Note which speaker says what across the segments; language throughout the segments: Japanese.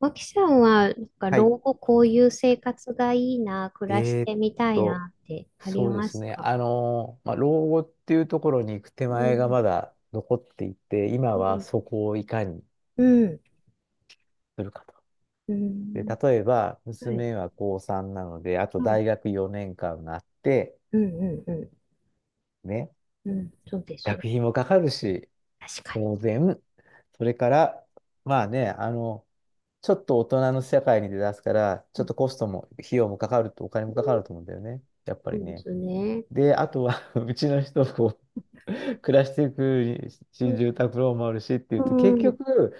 Speaker 1: 脇さんは、なんか
Speaker 2: はい。
Speaker 1: 老後こういう生活がいいな、暮らし
Speaker 2: えーっ
Speaker 1: てみたい
Speaker 2: と、
Speaker 1: なってあり
Speaker 2: そうで
Speaker 1: ま
Speaker 2: す
Speaker 1: す
Speaker 2: ね。
Speaker 1: か？
Speaker 2: まあ、老後っていうところに行く手
Speaker 1: う
Speaker 2: 前が
Speaker 1: ん、
Speaker 2: まだ残っていて、今
Speaker 1: う
Speaker 2: は
Speaker 1: ん、
Speaker 2: そこをいかに
Speaker 1: うん、
Speaker 2: するかと。
Speaker 1: う
Speaker 2: で、
Speaker 1: ん、
Speaker 2: 例えば、
Speaker 1: はい、
Speaker 2: 娘は高3なので、あと
Speaker 1: はい。
Speaker 2: 大学4年間があって、
Speaker 1: うん、うん、う
Speaker 2: ね、
Speaker 1: ん、うん、そうです
Speaker 2: 学
Speaker 1: よ。
Speaker 2: 費もかかるし、
Speaker 1: 確か
Speaker 2: 当然、それから、まあね、ちょっと大人の世界に出だすから、ち
Speaker 1: に。う
Speaker 2: ょっ
Speaker 1: ん。
Speaker 2: とコストも、費用もかかると、お金もかかると思うんだよね。やっぱ
Speaker 1: そ
Speaker 2: り
Speaker 1: うで
Speaker 2: ね。
Speaker 1: すね。
Speaker 2: で、あとは うちの人こう 暮らしていく
Speaker 1: う
Speaker 2: 新
Speaker 1: ん、
Speaker 2: 住宅ローンもあるしってい
Speaker 1: う
Speaker 2: うと、結
Speaker 1: ん、
Speaker 2: 局、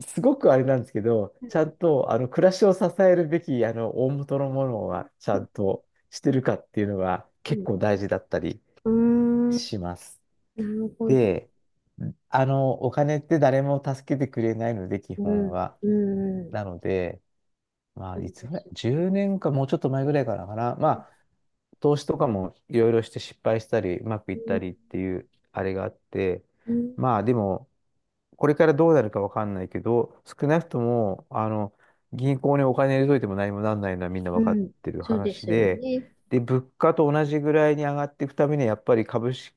Speaker 2: すごくあれなんですけど、ちゃんとあの暮らしを支えるべきあの大元のものはちゃんとしてるかっていうのが
Speaker 1: う
Speaker 2: 結
Speaker 1: ん、
Speaker 2: 構大事だったり
Speaker 1: うん。
Speaker 2: します。
Speaker 1: なるほど。
Speaker 2: で、お金って誰も助けてくれないので、基
Speaker 1: う
Speaker 2: 本
Speaker 1: ん、
Speaker 2: は。
Speaker 1: うん、う
Speaker 2: な
Speaker 1: ん。
Speaker 2: ので、まあ、
Speaker 1: そう
Speaker 2: い
Speaker 1: で
Speaker 2: つぐらい
Speaker 1: す。
Speaker 2: ?10 年かもうちょっと前ぐらいからかな。投資とかもいろいろして失敗したり、うまくい
Speaker 1: う
Speaker 2: った
Speaker 1: ん、
Speaker 2: りっていうあれがあって、
Speaker 1: うん、
Speaker 2: まあでも、これからどうなるかわかんないけど、少なくとも、銀行にお金入れといても何もなんないのはみんな
Speaker 1: う
Speaker 2: わかっ
Speaker 1: ん。
Speaker 2: てる
Speaker 1: そうで
Speaker 2: 話
Speaker 1: すよ
Speaker 2: で、
Speaker 1: ね。
Speaker 2: で、物価と同じぐらいに上がっていくためには、やっぱり株式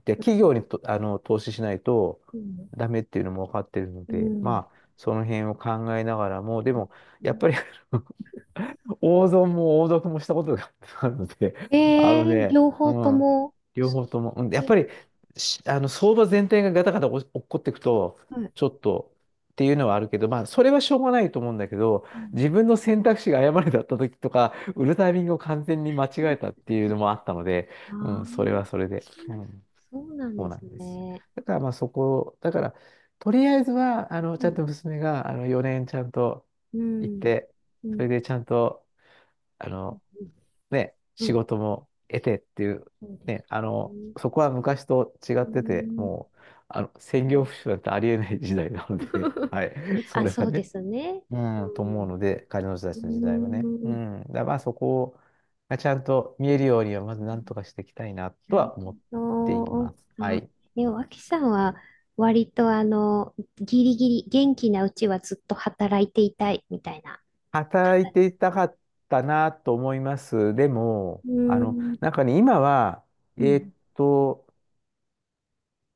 Speaker 2: って企業にと、投資しないと
Speaker 1: うん、
Speaker 2: ダメっていうのもわかってるの
Speaker 1: う
Speaker 2: で、
Speaker 1: ん、
Speaker 2: まあ、その辺を考えながら
Speaker 1: う
Speaker 2: も、でも、やっ
Speaker 1: ん。
Speaker 2: ぱり 王損も王読もしたことがあるので、
Speaker 1: え
Speaker 2: あ
Speaker 1: え
Speaker 2: の
Speaker 1: ー、
Speaker 2: ね、
Speaker 1: 両
Speaker 2: う
Speaker 1: 方と
Speaker 2: ん、
Speaker 1: も。
Speaker 2: 両
Speaker 1: す
Speaker 2: 方とも、うん、やっ
Speaker 1: ご
Speaker 2: ぱり、
Speaker 1: い。
Speaker 2: あの相場全体がガタガタお落っこっていくと、
Speaker 1: はい。
Speaker 2: ちょっとっていうのはあるけど、まあ、それはしょうがないと思うんだけど、
Speaker 1: うん。
Speaker 2: 自分の選択肢が誤りだった時とか、売るタイミングを完全に間違えたっていうのもあったので、
Speaker 1: あ
Speaker 2: うん、それはそ
Speaker 1: あ、
Speaker 2: れで、うん、
Speaker 1: そうなん
Speaker 2: そ
Speaker 1: で
Speaker 2: うな
Speaker 1: す
Speaker 2: んですよ。
Speaker 1: ね。
Speaker 2: だからまあそこ、だから、とりあえずは、ち
Speaker 1: は
Speaker 2: ゃん
Speaker 1: い。
Speaker 2: と娘が、4年ちゃんと
Speaker 1: う
Speaker 2: 行っ
Speaker 1: ん。
Speaker 2: て、
Speaker 1: う
Speaker 2: それ
Speaker 1: ん。
Speaker 2: でちゃんと、あの、ね、
Speaker 1: うん。
Speaker 2: 仕
Speaker 1: うん。
Speaker 2: 事も得てっていう、
Speaker 1: そうです
Speaker 2: ね、
Speaker 1: ね。
Speaker 2: そこは昔と違っ
Speaker 1: う
Speaker 2: てて、
Speaker 1: ん。
Speaker 2: もう、専
Speaker 1: う
Speaker 2: 業
Speaker 1: ん。
Speaker 2: 主婦なんてありえない時代なので、はい、そ
Speaker 1: あ、
Speaker 2: れ
Speaker 1: そ
Speaker 2: は
Speaker 1: うで
Speaker 2: ね、
Speaker 1: すね。う
Speaker 2: うん、と思う
Speaker 1: ん。
Speaker 2: ので、彼女た
Speaker 1: う
Speaker 2: ちの時代はね。
Speaker 1: ん。う
Speaker 2: う
Speaker 1: ん。
Speaker 2: ん、まあそこがちゃんと見えるようには、まず何とかしていきたいな
Speaker 1: な
Speaker 2: と
Speaker 1: る
Speaker 2: は思っていま
Speaker 1: ほ
Speaker 2: す。は
Speaker 1: ど。あ、
Speaker 2: い。
Speaker 1: 脇さんは割とあの、ギリギリ元気なうちはずっと働いていたいみたいな
Speaker 2: 働い
Speaker 1: 方で
Speaker 2: てい
Speaker 1: す。
Speaker 2: たかったなと思います。でも、
Speaker 1: うーん、
Speaker 2: なんかね、今は、え
Speaker 1: う
Speaker 2: ーっ
Speaker 1: ん、
Speaker 2: と、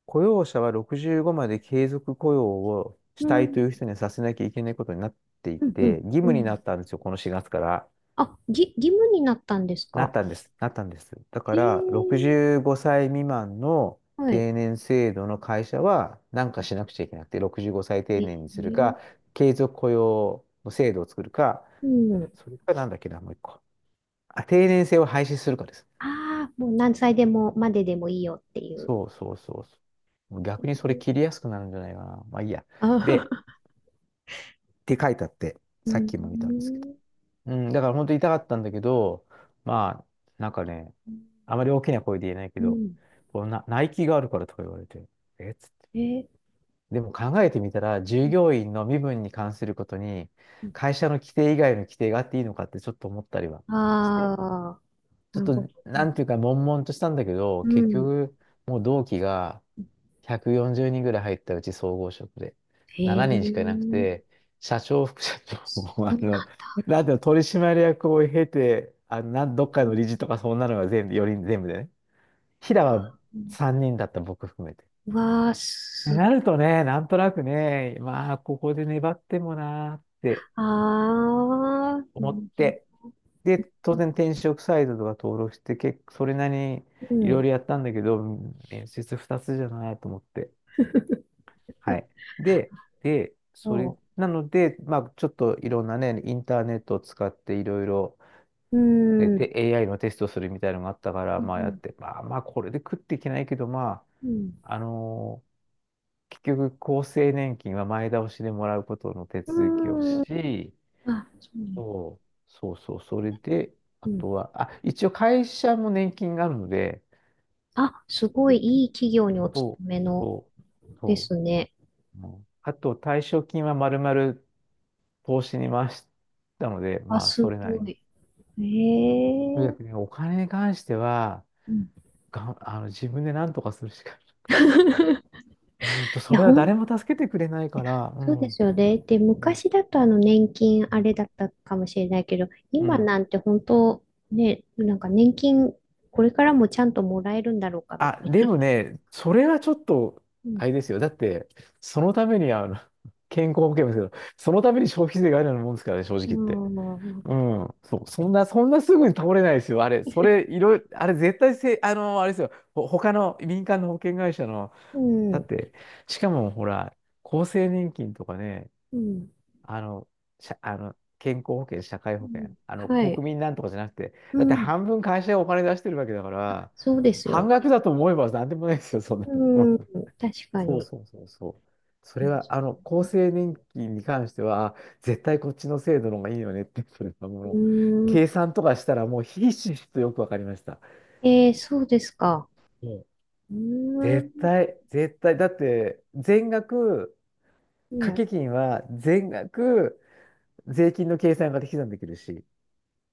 Speaker 2: 雇用者は65まで継続雇用をし
Speaker 1: う
Speaker 2: たいとい
Speaker 1: ん、
Speaker 2: う人にはさせなきゃいけないことになってい
Speaker 1: うん、うん。
Speaker 2: て、義
Speaker 1: う
Speaker 2: 務にな
Speaker 1: ん。
Speaker 2: ったんですよ、この4月から。
Speaker 1: あ、義務になったんです
Speaker 2: なっ
Speaker 1: か？
Speaker 2: たんです。なったんです。だか
Speaker 1: へえ、
Speaker 2: ら、65歳未満の
Speaker 1: はい。
Speaker 2: 定年制度の会社は何かしなくちゃいけなくて、65歳定
Speaker 1: え
Speaker 2: 年にする
Speaker 1: え、
Speaker 2: か、継続雇用の制度を作るか、
Speaker 1: うん。
Speaker 2: それかなんだっけな、もう一個。あ、定年制を廃止するかです。
Speaker 1: ああ、もう何歳でも、まででもいいよっていう。
Speaker 2: そうそうそうそう逆にそれ切りやすくなるんじゃないかな。まあいいや。
Speaker 1: あ
Speaker 2: で、
Speaker 1: あ、
Speaker 2: 書いてあって、
Speaker 1: う
Speaker 2: さっきも見たんですけど。
Speaker 1: ん、
Speaker 2: うん、だから本当に痛かったんだけど、まあ、なんかね、あまり大きな声で言えないけ
Speaker 1: う
Speaker 2: ど、
Speaker 1: ん。
Speaker 2: こうな、ナイキがあるからとか言われて、えっつって。
Speaker 1: ええ、
Speaker 2: でも考えてみたら、従
Speaker 1: う
Speaker 2: 業員の身分に関することに、
Speaker 1: ん。
Speaker 2: 会社の規定以外の規定があっていいのかってちょっと思ったりは
Speaker 1: あ
Speaker 2: して、
Speaker 1: あ、
Speaker 2: ちょ
Speaker 1: な
Speaker 2: っ
Speaker 1: るほ
Speaker 2: と、
Speaker 1: ど。
Speaker 2: なんていうか、悶々としたんだけど、
Speaker 1: う
Speaker 2: 結
Speaker 1: ん。
Speaker 2: 局、もう同期が、140人ぐらい入ったうち総合職で。
Speaker 1: へ
Speaker 2: 7人しかいなくて、
Speaker 1: え、
Speaker 2: 社長、副社長
Speaker 1: そ
Speaker 2: も、
Speaker 1: うなんだ。
Speaker 2: なんていうの、取締役を経て、どっかの理事とかそんなのが全部、4全部でね。平
Speaker 1: うわ
Speaker 2: は
Speaker 1: あ、
Speaker 2: 3人だった、僕含めて。
Speaker 1: うわあ
Speaker 2: で
Speaker 1: す、
Speaker 2: なるとね、なんとなくね、まあ、ここで粘ってもなーって
Speaker 1: ああ、う
Speaker 2: 思って、
Speaker 1: ん。
Speaker 2: で、当然転職サイトとか登録して、結構それなりに
Speaker 1: う
Speaker 2: いろいろ
Speaker 1: ん。
Speaker 2: やったんだけど、面接2つじゃないと思って。はい。で、
Speaker 1: そ
Speaker 2: なので、まあ、ちょっといろんなね、インターネットを使っていろいろ、
Speaker 1: う。う
Speaker 2: ね、
Speaker 1: ーん。
Speaker 2: AI のテストするみたいなのがあったから、
Speaker 1: う
Speaker 2: まあやっ
Speaker 1: ん。
Speaker 2: て、まあまあ、これで食っていけないけど、ま
Speaker 1: うん。
Speaker 2: あ、結局、厚生年金は前倒しでもらうことの手続きを
Speaker 1: う
Speaker 2: し、
Speaker 1: ーん。あ、そうね。
Speaker 2: そう、そうそう、それで、
Speaker 1: う
Speaker 2: あ
Speaker 1: ん。
Speaker 2: とは、あ、一応会社も年金があるので、
Speaker 1: あ、す
Speaker 2: そ
Speaker 1: ご
Speaker 2: れ
Speaker 1: い
Speaker 2: で
Speaker 1: いい企業にお勤
Speaker 2: そう、
Speaker 1: めの
Speaker 2: そう、
Speaker 1: で
Speaker 2: そ
Speaker 1: すね。
Speaker 2: う。うんあと、退職金はまるまる投資に回したので、
Speaker 1: あ、
Speaker 2: まあ、
Speaker 1: す
Speaker 2: それなり
Speaker 1: ご
Speaker 2: に。
Speaker 1: い。
Speaker 2: とに
Speaker 1: え
Speaker 2: か
Speaker 1: え。
Speaker 2: くね、お金に関しては、
Speaker 1: うん。
Speaker 2: がん、あの、自分で何とかするしかな い、本当、
Speaker 1: い
Speaker 2: そ
Speaker 1: や、
Speaker 2: れは誰も助けてくれないから、う
Speaker 1: そう
Speaker 2: ん、う
Speaker 1: で
Speaker 2: ん、
Speaker 1: すよね。で、昔だとあの年金あれだったかもしれないけど、
Speaker 2: う
Speaker 1: 今
Speaker 2: ん。
Speaker 1: なんて本当、ね、なんか年金これからもちゃんともらえるんだろうかみた
Speaker 2: あ、
Speaker 1: い
Speaker 2: で
Speaker 1: な。
Speaker 2: もね、それはちょっと、
Speaker 1: う
Speaker 2: あ
Speaker 1: ん。
Speaker 2: れですよ。だって、そのために、健康保険ですけど、そのために消費税があるようなもんですからね、正直
Speaker 1: う
Speaker 2: 言って。
Speaker 1: ん。
Speaker 2: うん、そう、そんなすぐに倒れないですよ。あれ、それ、いろいろ、あれ、絶対せ、あの、あれですよ、他の民間の保険会社の、
Speaker 1: う
Speaker 2: だっ
Speaker 1: ん。
Speaker 2: て、しかもほら、厚生年金とかね、
Speaker 1: うん。
Speaker 2: あの、社あの、健康保険、社会
Speaker 1: う
Speaker 2: 保険、
Speaker 1: ん、は
Speaker 2: 国
Speaker 1: い。
Speaker 2: 民なんとかじゃなくて、
Speaker 1: う
Speaker 2: だって
Speaker 1: ん。
Speaker 2: 半分会社がお金出してるわけだから、
Speaker 1: そうですよ
Speaker 2: 半
Speaker 1: ね。
Speaker 2: 額だと思えばなんでもないですよ、そんな
Speaker 1: う
Speaker 2: の。う
Speaker 1: ん。
Speaker 2: ん
Speaker 1: 確 か
Speaker 2: そう
Speaker 1: に。
Speaker 2: そうそうそう。それは、厚生年金に関しては、絶対こっちの制度の方がいいよねって、それは
Speaker 1: う
Speaker 2: もう、
Speaker 1: ん。
Speaker 2: 計算とかしたらもうひしひしとよくわかりました。
Speaker 1: えー、そうですか。
Speaker 2: もうん
Speaker 1: うん。
Speaker 2: 絶対、絶対、だって、全額、掛
Speaker 1: ね。
Speaker 2: け金は全額税金の計算が適算できるし、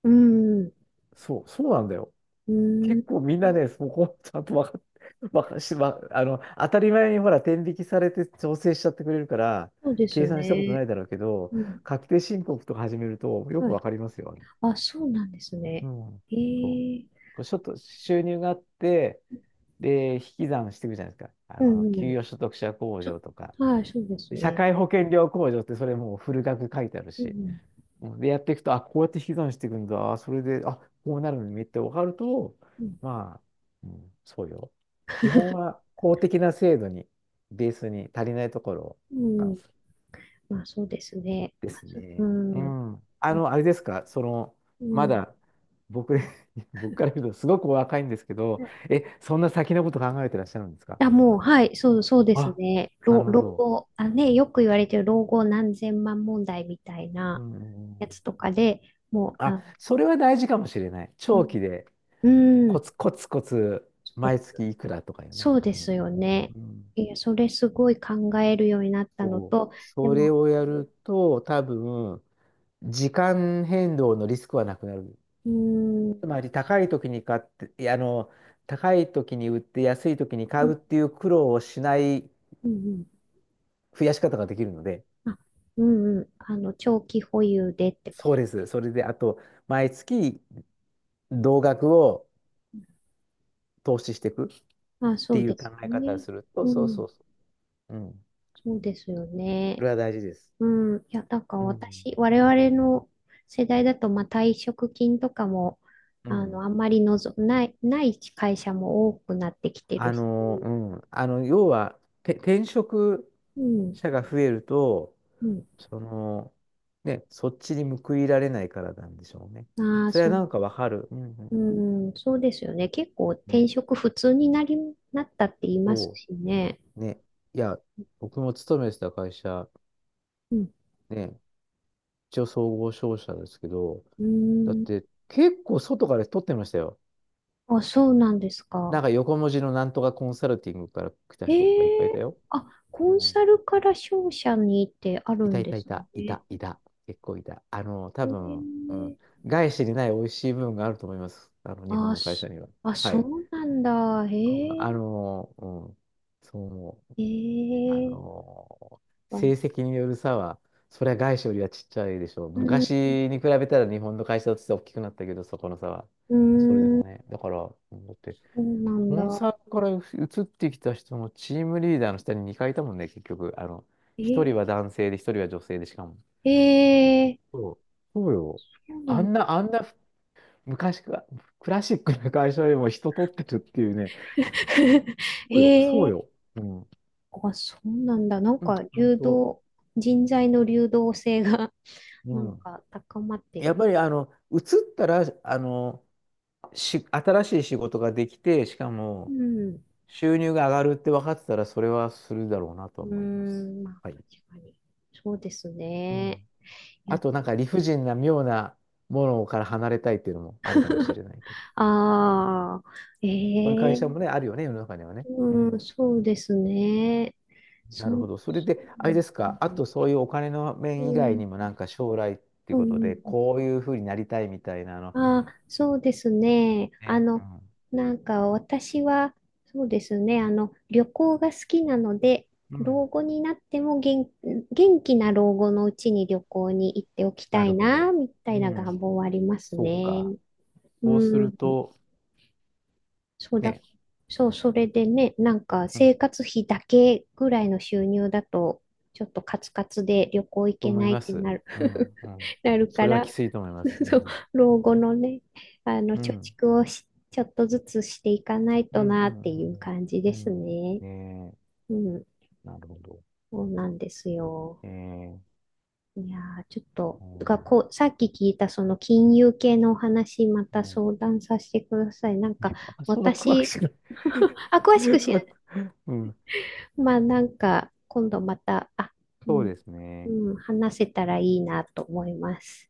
Speaker 1: うん。
Speaker 2: そう、そうなんだよ。
Speaker 1: うん。
Speaker 2: 結構みんなね、そこちゃんと分かっ、わかし、わあの、当たり前にほら、天引きされて調整しちゃってくれるから、
Speaker 1: そうで
Speaker 2: 計
Speaker 1: す
Speaker 2: 算したことな
Speaker 1: ね。
Speaker 2: いだろうけど、
Speaker 1: うん。
Speaker 2: 確定申告とか始めるとよく
Speaker 1: はい。
Speaker 2: わかりますよ。
Speaker 1: あ、そうなんです
Speaker 2: う
Speaker 1: ね。
Speaker 2: ん。
Speaker 1: え
Speaker 2: そう。
Speaker 1: ー。
Speaker 2: こうちょっと収入があって、で、引き算していくじゃないですか。
Speaker 1: うん。う
Speaker 2: 給
Speaker 1: ん。
Speaker 2: 与所得者控
Speaker 1: ちょ、
Speaker 2: 除とか、
Speaker 1: はい、そうです
Speaker 2: で社
Speaker 1: ね。
Speaker 2: 会保険料控除ってそれもうフル額書いてある
Speaker 1: う
Speaker 2: し。
Speaker 1: ん。
Speaker 2: うんで、やっていくと、あ、こうやって引き算していくんだ。それで、あ、こうなるのにめっちゃ分かると、
Speaker 1: うん。
Speaker 2: まあ、うん、そうよ。基本は公的な制度に、ベースに足りないところ
Speaker 1: う
Speaker 2: なん
Speaker 1: ん。まあ、そうですね。
Speaker 2: で
Speaker 1: まあ、
Speaker 2: す
Speaker 1: そう
Speaker 2: ね。う
Speaker 1: ん。
Speaker 2: ん。
Speaker 1: まあ。
Speaker 2: あれですか、
Speaker 1: う
Speaker 2: ま
Speaker 1: ん。
Speaker 2: だ、僕、僕から言うと、すごくお若いんですけど、え、そんな先のこと考えてらっしゃるんですか？
Speaker 1: あ、もう、はい、そう、そうです
Speaker 2: あ、
Speaker 1: ね。
Speaker 2: な
Speaker 1: 老、
Speaker 2: るほ
Speaker 1: 老
Speaker 2: ど。
Speaker 1: 後、あ、ね、よく言われてる老後何千万問題みたい
Speaker 2: う
Speaker 1: な
Speaker 2: んうんう
Speaker 1: や
Speaker 2: ん。
Speaker 1: つとかで、もう、
Speaker 2: あ、
Speaker 1: あ、
Speaker 2: それは大事かもしれない。
Speaker 1: う
Speaker 2: 長
Speaker 1: ん、
Speaker 2: 期で、
Speaker 1: う
Speaker 2: コ
Speaker 1: ん。
Speaker 2: ツコツコツ、
Speaker 1: そう、
Speaker 2: 毎月いくらとかよね。
Speaker 1: そう
Speaker 2: う
Speaker 1: です
Speaker 2: ん。
Speaker 1: よね。
Speaker 2: うん。
Speaker 1: いや、それすごい考えるようになったの
Speaker 2: そう。
Speaker 1: と、で
Speaker 2: それ
Speaker 1: も、
Speaker 2: をやると、多分、時間変動のリスクはなくなる。
Speaker 1: うーん、
Speaker 2: つまり、高い時に買って、高い時に売って安い時に買
Speaker 1: う
Speaker 2: う
Speaker 1: ん、
Speaker 2: っていう苦労をしない
Speaker 1: うん、
Speaker 2: 増やし方ができるので、
Speaker 1: あ、うん、うん、あの、長期保有でってこ
Speaker 2: そう
Speaker 1: と。
Speaker 2: です。それで、あと、毎月、同額を投資していくっ
Speaker 1: あ、そ
Speaker 2: て
Speaker 1: う
Speaker 2: い
Speaker 1: で
Speaker 2: う考
Speaker 1: す
Speaker 2: え方を
Speaker 1: ね。
Speaker 2: すると、
Speaker 1: う
Speaker 2: そうそ
Speaker 1: ん、
Speaker 2: うそう。うん。
Speaker 1: そうですよ
Speaker 2: そ
Speaker 1: ね。
Speaker 2: れは大事です。
Speaker 1: うん、いや、なんか
Speaker 2: うん。
Speaker 1: 私、我々の世代だと、まあ、退職金とかも、
Speaker 2: う
Speaker 1: あの、
Speaker 2: ん。
Speaker 1: あんまりない会社も多くなってきてるし、
Speaker 2: うん、要は、転職
Speaker 1: うん、
Speaker 2: 者が増えると、
Speaker 1: うん、
Speaker 2: その、ね、そっちに報いられないからなんでしょうね。
Speaker 1: ああ、
Speaker 2: それは
Speaker 1: そう、
Speaker 2: なんかわかる。うんうんう
Speaker 1: う
Speaker 2: ん。
Speaker 1: ん、そうですよね。結構転
Speaker 2: ね、
Speaker 1: 職普通になったって言います
Speaker 2: そ
Speaker 1: しね。
Speaker 2: う。ね、いや、僕も勤めてた会社、
Speaker 1: うん、
Speaker 2: ね、一応総合商社ですけど、
Speaker 1: う
Speaker 2: だっ
Speaker 1: ん、
Speaker 2: て結構外から取ってましたよ。
Speaker 1: あ、そうなんです
Speaker 2: なん
Speaker 1: か？
Speaker 2: か横文字のなんとかコンサルティングから来た人とかいっぱい
Speaker 1: え
Speaker 2: いた
Speaker 1: え。
Speaker 2: よ。
Speaker 1: あ、
Speaker 2: う
Speaker 1: コン
Speaker 2: ん
Speaker 1: サルから商社にってある
Speaker 2: いた
Speaker 1: ん
Speaker 2: い
Speaker 1: で
Speaker 2: たい
Speaker 1: す
Speaker 2: た、い
Speaker 1: ね。
Speaker 2: た、いた、結構いた。多分、う
Speaker 1: ええ。
Speaker 2: ん、外資にない美味しい部分があると思います。日本
Speaker 1: あ、
Speaker 2: の会社には。
Speaker 1: あ、
Speaker 2: は
Speaker 1: そ
Speaker 2: い。
Speaker 1: うなんだ。へ
Speaker 2: うん
Speaker 1: え、
Speaker 2: あの、うん、そう思う。
Speaker 1: へ
Speaker 2: あ
Speaker 1: え、
Speaker 2: の、
Speaker 1: は
Speaker 2: 成
Speaker 1: い。
Speaker 2: 績による差は、それは外資よりはちっちゃいでしょう。
Speaker 1: うん、
Speaker 2: 昔に比べたら日本の会社として大きくなったけど、そこの差は。
Speaker 1: うー
Speaker 2: それで
Speaker 1: ん、
Speaker 2: もね、だから、うんだって、
Speaker 1: そうなん
Speaker 2: コ
Speaker 1: だ。
Speaker 2: ンサルから移ってきた人のチームリーダーの下に2回いいたもんね、結局。1
Speaker 1: え、
Speaker 2: 人は男性で、一人は女性で、しかも。
Speaker 1: へえ、
Speaker 2: そう、そうよ。
Speaker 1: そうな
Speaker 2: あ
Speaker 1: ん
Speaker 2: ん
Speaker 1: だ。
Speaker 2: な、あんな昔か、クラシックな会社でも人取ってるっていうね。そ
Speaker 1: へ
Speaker 2: うよ、そう
Speaker 1: え、
Speaker 2: よ。うん。
Speaker 1: あ、そうなんだ。なん
Speaker 2: うん、
Speaker 1: か、
Speaker 2: 本当。
Speaker 1: 人材の流動性が
Speaker 2: う
Speaker 1: なん
Speaker 2: ん。
Speaker 1: か高まって
Speaker 2: やっ
Speaker 1: る。
Speaker 2: ぱり、移ったら、新しい仕事ができて、しか
Speaker 1: う
Speaker 2: も、
Speaker 1: ん、う
Speaker 2: 収入が上がるって分かってたら、それはするだろうなと
Speaker 1: ー
Speaker 2: 思います。
Speaker 1: ん、まあ、
Speaker 2: はい。
Speaker 1: 確かに。そうです
Speaker 2: う
Speaker 1: ね。
Speaker 2: ん。
Speaker 1: い
Speaker 2: あ
Speaker 1: や、
Speaker 2: と、なんか理不尽な妙なものから離れたいっていうのもあるかもし れないけど。うん。
Speaker 1: ああ、
Speaker 2: そういう
Speaker 1: え
Speaker 2: 会
Speaker 1: え、
Speaker 2: 社もね、あるよね、世の中にはね。う
Speaker 1: うん、
Speaker 2: ん。
Speaker 1: そうですね。
Speaker 2: なる
Speaker 1: そ
Speaker 2: ほ
Speaker 1: う、
Speaker 2: ど。それ
Speaker 1: そ
Speaker 2: で、
Speaker 1: う
Speaker 2: あれです
Speaker 1: な
Speaker 2: か、あ
Speaker 1: んだ。
Speaker 2: とそういうお金の
Speaker 1: う
Speaker 2: 面以外
Speaker 1: ん、
Speaker 2: にも、なんか将来っていう
Speaker 1: う
Speaker 2: こと
Speaker 1: ん、う
Speaker 2: で、
Speaker 1: ん。
Speaker 2: こういうふうになりたいみたいなの。
Speaker 1: ああ、そうですね。あ
Speaker 2: ね、う
Speaker 1: の、なんか私は、そうですね。あの、旅行が好きなので、
Speaker 2: ん。うん。
Speaker 1: 老後になっても元気な老後のうちに旅行に行っておきた
Speaker 2: な
Speaker 1: い
Speaker 2: るほ
Speaker 1: な、
Speaker 2: ど。
Speaker 1: みたいな
Speaker 2: うん。
Speaker 1: 願望はあります
Speaker 2: そう
Speaker 1: ね。
Speaker 2: か。
Speaker 1: う
Speaker 2: そうする
Speaker 1: ん。
Speaker 2: と、
Speaker 1: そうだ、
Speaker 2: ね、
Speaker 1: そう、それでね、なんか
Speaker 2: うん、
Speaker 1: 生活費だけぐらいの収入だと、ちょっとカツカツで旅行行
Speaker 2: と
Speaker 1: け
Speaker 2: 思い
Speaker 1: ない
Speaker 2: ま
Speaker 1: って
Speaker 2: す。
Speaker 1: なる。
Speaker 2: うん、うん。
Speaker 1: なる
Speaker 2: そ
Speaker 1: か
Speaker 2: れはき
Speaker 1: ら、
Speaker 2: ついと思います。う
Speaker 1: そう、
Speaker 2: ん。
Speaker 1: 老後のね、あの、
Speaker 2: う
Speaker 1: 貯
Speaker 2: ん。
Speaker 1: 蓄をし、ちょっとずつしていかない
Speaker 2: う
Speaker 1: と
Speaker 2: ん、う
Speaker 1: なっていう
Speaker 2: ん、
Speaker 1: 感じ
Speaker 2: う
Speaker 1: です
Speaker 2: ん。うん
Speaker 1: ね。
Speaker 2: ねえ、
Speaker 1: うん、
Speaker 2: なるほど。
Speaker 1: そうなんですよ。
Speaker 2: ええ、
Speaker 1: いやー、ちょっと、
Speaker 2: う
Speaker 1: が
Speaker 2: ん。
Speaker 1: こう、さっき聞いたその金融系のお話、ま
Speaker 2: う
Speaker 1: た
Speaker 2: ん。
Speaker 1: 相談させてください。なんか、
Speaker 2: あ、そんな怖く
Speaker 1: 私、
Speaker 2: しない。
Speaker 1: あ、詳し く知
Speaker 2: そんな、
Speaker 1: らない。
Speaker 2: うん。
Speaker 1: まあ、なんか、今度また、あ、う
Speaker 2: そう
Speaker 1: ん、
Speaker 2: ですね。
Speaker 1: うん、話せたらいいなと思います。